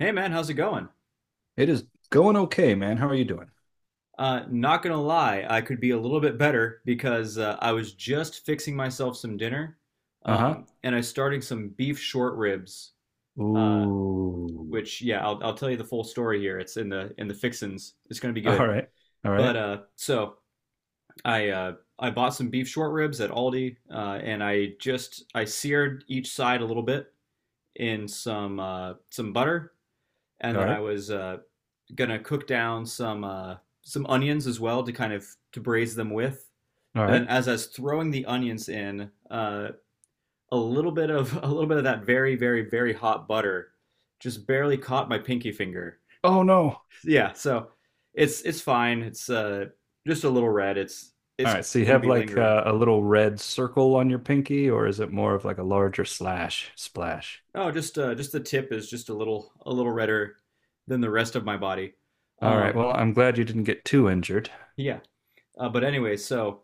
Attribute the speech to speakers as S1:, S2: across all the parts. S1: Hey man, how's it going?
S2: It is going okay, man. How are you doing?
S1: Not gonna lie, I could be a little bit better because I was just fixing myself some dinner,
S2: Uh-huh.
S1: and I started some beef short ribs. Uh,
S2: Ooh.
S1: which yeah, I'll tell you the full story here. It's in the fixins. It's gonna be
S2: All
S1: good.
S2: right. All
S1: But
S2: right.
S1: uh, so I uh, I bought some beef short ribs at Aldi, and I just I seared each side a little bit in some butter, and
S2: All
S1: then I
S2: right.
S1: was uh, gonna cook down some onions as well to kind of to braise them with.
S2: All
S1: And then
S2: right.
S1: as I was throwing the onions in, a little bit of a little bit of that very very very hot butter just barely caught my pinky finger.
S2: Oh no.
S1: Yeah, so it's fine. It's just a little red. It's
S2: All
S1: it's
S2: right. So you
S1: gonna
S2: have
S1: be
S2: like
S1: lingering.
S2: a little red circle on your pinky, or is it more of like a larger slash splash?
S1: Oh, just the tip is just a little redder than the rest of my body.
S2: All right.
S1: Um,
S2: Well, I'm glad you didn't get too injured.
S1: yeah, but anyway, so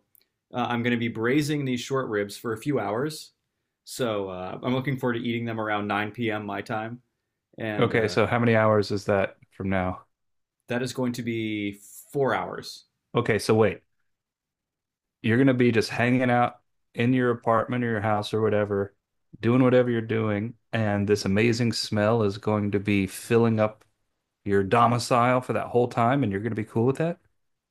S1: uh, I'm going to be braising these short ribs for a few hours. So I'm looking forward to eating them around 9 p.m. my time. And
S2: Okay.
S1: uh,
S2: So how many hours is that from now?
S1: that is going to be 4 hours.
S2: Okay. So wait, you're going to be just hanging out in your apartment or your house or whatever, doing whatever you're doing, and this amazing smell is going to be filling up your domicile for that whole time and you're going to be cool with that?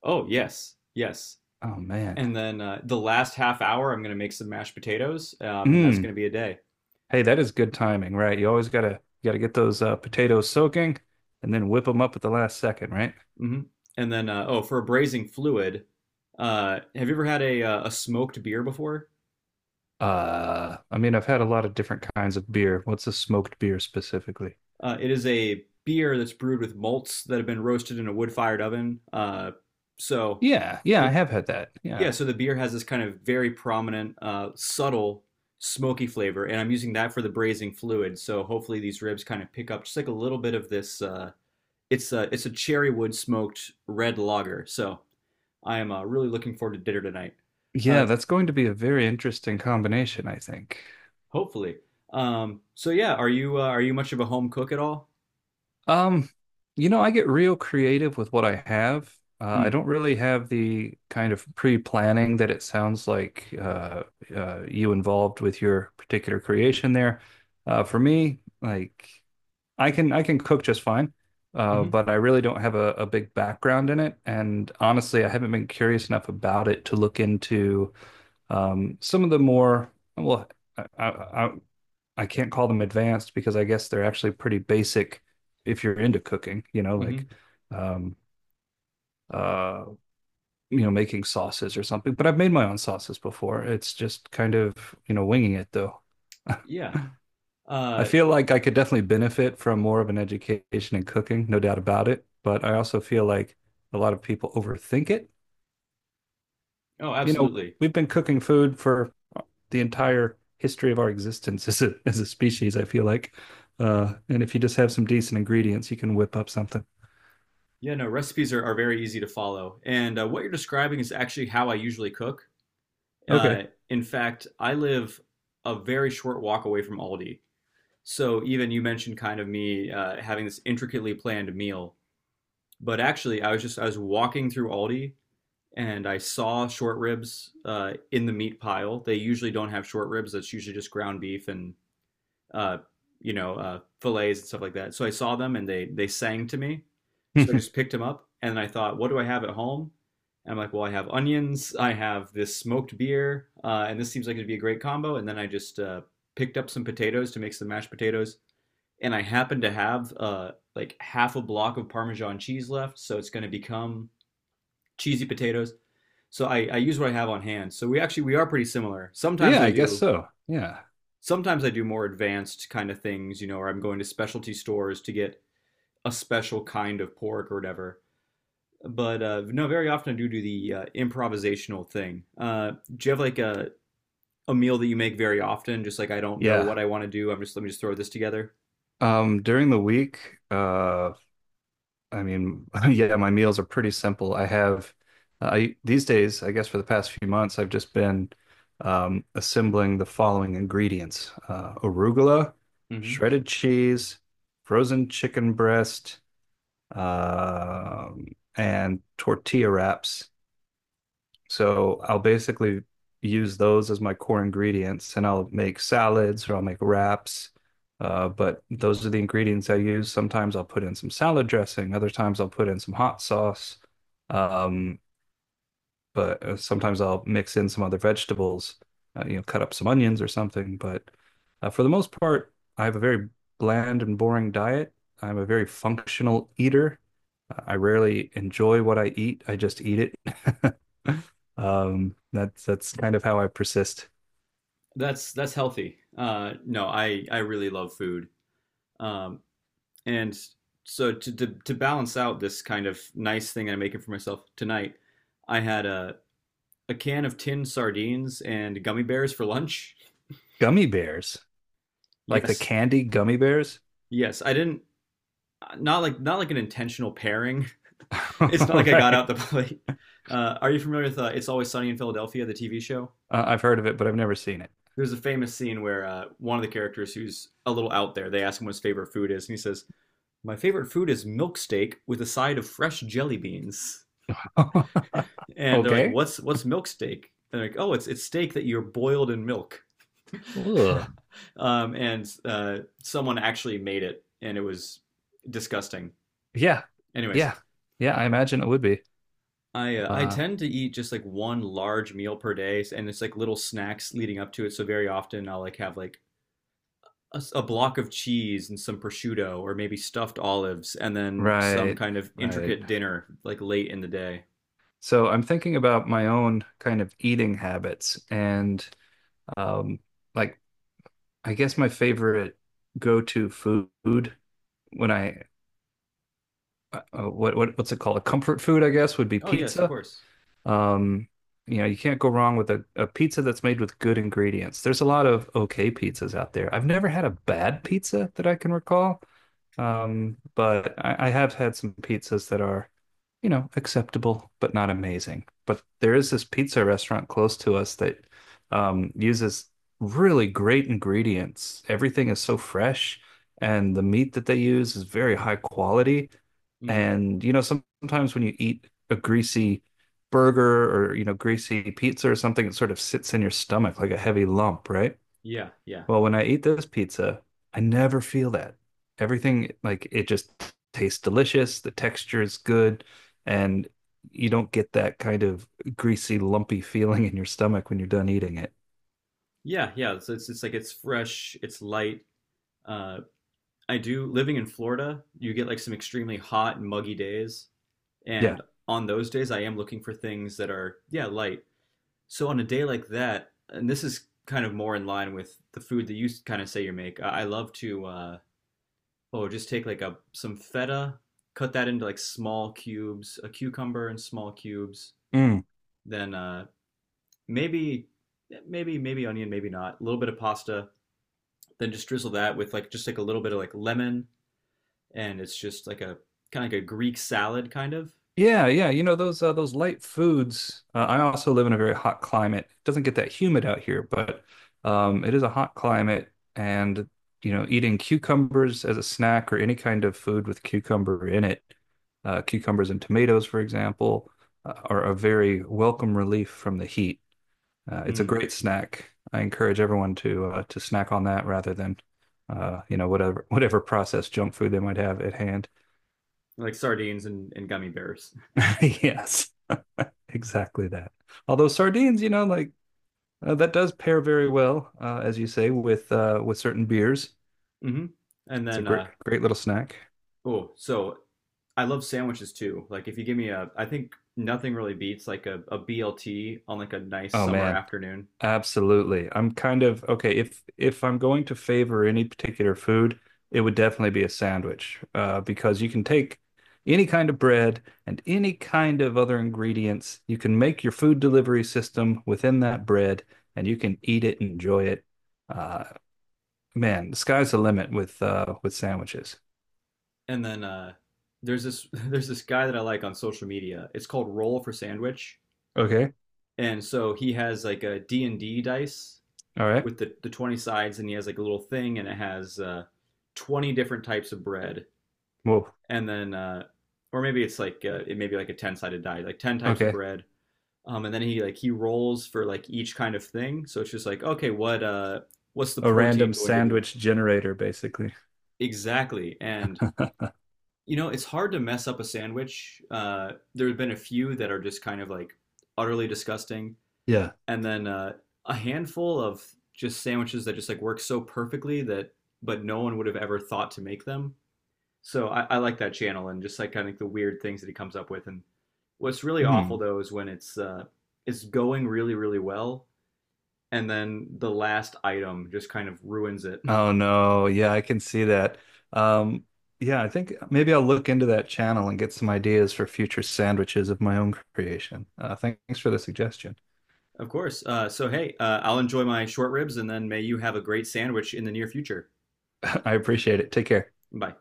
S1: Oh, yes, yes.
S2: Oh man.
S1: And then, the last half hour, I'm going to make some mashed potatoes, and that's
S2: Mm.
S1: going to be a day.
S2: Hey, that is good timing, right? You always got to get those potatoes soaking and then whip them up at the last second, right?
S1: hmm And then, oh, for a braising fluid, have you ever had a smoked beer before?
S2: I mean, I've had a lot of different kinds of beer. What's a smoked beer specifically?
S1: It is a beer that's brewed with malts that have been roasted in a wood-fired oven. So
S2: Yeah, yeah, I
S1: the
S2: have had that.
S1: yeah,
S2: Yeah.
S1: so the beer has this kind of very prominent, subtle smoky flavor, and I'm using that for the braising fluid. So hopefully these ribs kind of pick up just like a little bit of this. It's a cherry wood smoked red lager. So I am really looking forward to dinner tonight. Uh,
S2: Yeah, that's going to be a very interesting combination, I think.
S1: hopefully. So yeah, are you much of a home cook at all?
S2: Um, you know, I get real creative with what I have. I
S1: Mm.
S2: don't really have the kind of pre-planning that it sounds like you involved with your particular creation there. For me, like I can cook just fine,
S1: Hmm.
S2: but I really don't have a big background in it. And honestly, I haven't been curious enough about it to look into some of the more well, I, I, I I can't call them advanced because I guess they're actually pretty basic if you're into cooking, you know, like
S1: Hmm.
S2: um uh you know making sauces or something. But I've made my own sauces before. It's just kind of, you know, winging it though.
S1: Yeah.
S2: I
S1: Uh,
S2: feel like I could definitely benefit from more of an education in cooking, no doubt about it, but I also feel like a lot of people overthink it.
S1: Oh,
S2: You know,
S1: absolutely.
S2: we've been cooking food for the entire history of our existence as a species, I feel like. And if you just have some decent ingredients, you can whip up something.
S1: Yeah, no, recipes are very easy to follow. And what you're describing is actually how I usually cook. Uh,
S2: Okay.
S1: in fact, I live a very short walk away from Aldi. So even you mentioned kind of me having this intricately planned meal. But actually, I was walking through Aldi and I saw short ribs in the meat pile. They usually don't have short ribs, that's usually just ground beef and uh, fillets and stuff like that. So I saw them and they sang to me. So I just picked them up and I thought, what do I have at home? And I'm like, well, I have onions, I have this smoked beer, and this seems like it'd be a great combo. And then I just picked up some potatoes to make some mashed potatoes, and I happen to have like half a block of Parmesan cheese left, so it's going to become cheesy potatoes. So I use what I have on hand. So we actually we are pretty similar. Sometimes
S2: Yeah,
S1: I
S2: I guess
S1: do
S2: so. Yeah.
S1: sometimes I do more advanced kind of things, or I'm going to specialty stores to get a special kind of pork or whatever. But no, very often I do do the improvisational thing. Do you have like a meal that you make very often? Just like I don't know
S2: Yeah.
S1: what I want to do. I'm just let me just throw this together.
S2: During the week, I mean, yeah, my meals are pretty simple. I have, I these days, I guess for the past few months, I've just been assembling the following ingredients: arugula,
S1: Mm-hmm.
S2: shredded cheese, frozen chicken breast, um, and tortilla wraps. So I'll basically use those as my core ingredients and I'll make salads or I'll make wraps. But those are the ingredients I use. Sometimes I'll put in some salad dressing, other times I'll put in some hot sauce. Um, but sometimes I'll mix in some other vegetables, you know, cut up some onions or something. But for the most part, I have a very bland and boring diet. I'm a very functional eater. I rarely enjoy what I eat. I just eat it. That's kind of how I persist.
S1: That's healthy. No, I really love food. Um, and so to balance out this kind of nice thing I'm making for myself tonight, I had a can of tin sardines and gummy bears for lunch?
S2: Gummy bears. Like the
S1: Yes.
S2: candy gummy bears.
S1: Yes. I didn't, not like an intentional pairing. It's not like I got
S2: Right?
S1: out the plate. Are you familiar with It's Always Sunny in Philadelphia, the TV show?
S2: Uh, I've heard of it, but I've never seen
S1: There's a famous scene where one of the characters who's a little out there, they ask him what his favorite food is, and he says, "My favorite food is milk steak with a side of fresh jelly beans."
S2: it.
S1: And they're like,
S2: Okay.
S1: "What's milk steak?" And they're like, "Oh, it's steak that you're boiled in milk."
S2: Ugh.
S1: And someone actually made it, and it was disgusting.
S2: Yeah,
S1: Anyways,
S2: yeah, yeah. I imagine it would be.
S1: I
S2: Uh,
S1: tend to eat just like one large meal per day, and it's like little snacks leading up to it. So very often I'll like have like a block of cheese and some prosciutto, or maybe stuffed olives, and then some
S2: right,
S1: kind of
S2: right.
S1: intricate dinner like late in the day.
S2: So I'm thinking about my own kind of eating habits and um, like I guess my favorite go-to food when I what's it called? A comfort food, I guess, would be
S1: Oh yes, of
S2: pizza.
S1: course.
S2: Um, you know, you can't go wrong with a pizza that's made with good ingredients. There's a lot of okay pizzas out there. I've never had a bad pizza that I can recall, but I have had some pizzas that are, you know, acceptable but not amazing. But there is this pizza restaurant close to us that uses really great ingredients. Everything is so fresh, and the meat that they use is very high quality.
S1: Mm,
S2: And you know, sometimes when you eat a greasy burger or you know, greasy pizza or something, it sort of sits in your stomach like a heavy lump, right?
S1: yeah, yeah,
S2: Well, when I eat this pizza, I never feel that. Everything, like, it just tastes delicious. The texture is good. And you don't get that kind of greasy, lumpy feeling in your stomach when you're done eating it.
S1: yeah, yeah. So it's like it's fresh, it's light. Uh, I do living in Florida, you get like some extremely hot and muggy days.
S2: Yeah.
S1: And on those days, I am looking for things that are, yeah, light. So on a day like that, and this is kind of more in line with the food that you kind of say you make, I love to, oh, just take like a some feta, cut that into like small cubes, a cucumber in small cubes,
S2: Mm.
S1: then maybe, maybe onion, maybe not, a little bit of pasta, then just drizzle that with like just like a little bit of like lemon, and it's just like a kind of like a Greek salad kind of.
S2: Yeah, yeah. You know those light foods. I also live in a very hot climate. It doesn't get that humid out here, but it is a hot climate, and you know, eating cucumbers as a snack or any kind of food with cucumber in it, cucumbers and tomatoes, for example, are a very welcome relief from the heat. It's a
S1: mm,
S2: great snack. I encourage everyone to snack on that rather than you know whatever whatever processed junk food they might have at hand.
S1: like sardines and gummy bears.
S2: Yes. Exactly that. Although sardines, you know, like that does pair very well, as you say, with certain beers.
S1: hmm And
S2: It's a
S1: then
S2: great,
S1: uh,
S2: great little snack.
S1: oh, so I love sandwiches too. Like if you give me, I think nothing really beats like a BLT on like a nice
S2: Oh
S1: summer
S2: man,
S1: afternoon.
S2: absolutely. I'm kind of okay. If I'm going to favor any particular food, it would definitely be a sandwich, because you can take any kind of bread and any kind of other ingredients. You can make your food delivery system within that bread, and you can eat it, enjoy it. Uh, Man, the sky's the limit with sandwiches.
S1: And then there's this there's this guy that I like on social media. It's called Roll for Sandwich,
S2: Okay.
S1: and so he has like a D&D dice
S2: All right.
S1: with the 20 sides, and he has like a little thing, and it has 20 different types of bread,
S2: Whoa.
S1: and then, or maybe it's like it may be like a ten sided die, like 10 types of
S2: Okay.
S1: bread. And then he like he rolls for like each kind of thing. So it's just like okay, what's the
S2: A random
S1: protein going to be
S2: sandwich generator, basically.
S1: exactly? And you know, it's hard to mess up a sandwich. There have been a few that are just kind of like utterly disgusting,
S2: Yeah.
S1: and then a handful of just sandwiches that just like work so perfectly that but no one would have ever thought to make them. So I like that channel and just like kind of the weird things that he comes up with. And what's really
S2: Hmm.
S1: awful though is when it's going really really well and then the last item just kind of ruins it.
S2: Oh no. Yeah, I can see that. Um, yeah, I think maybe I'll look into that channel and get some ideas for future sandwiches of my own creation. Thanks for the suggestion.
S1: Of course. So hey, I'll enjoy my short ribs and then may you have a great sandwich in the near future.
S2: I appreciate it. Take care.
S1: Bye.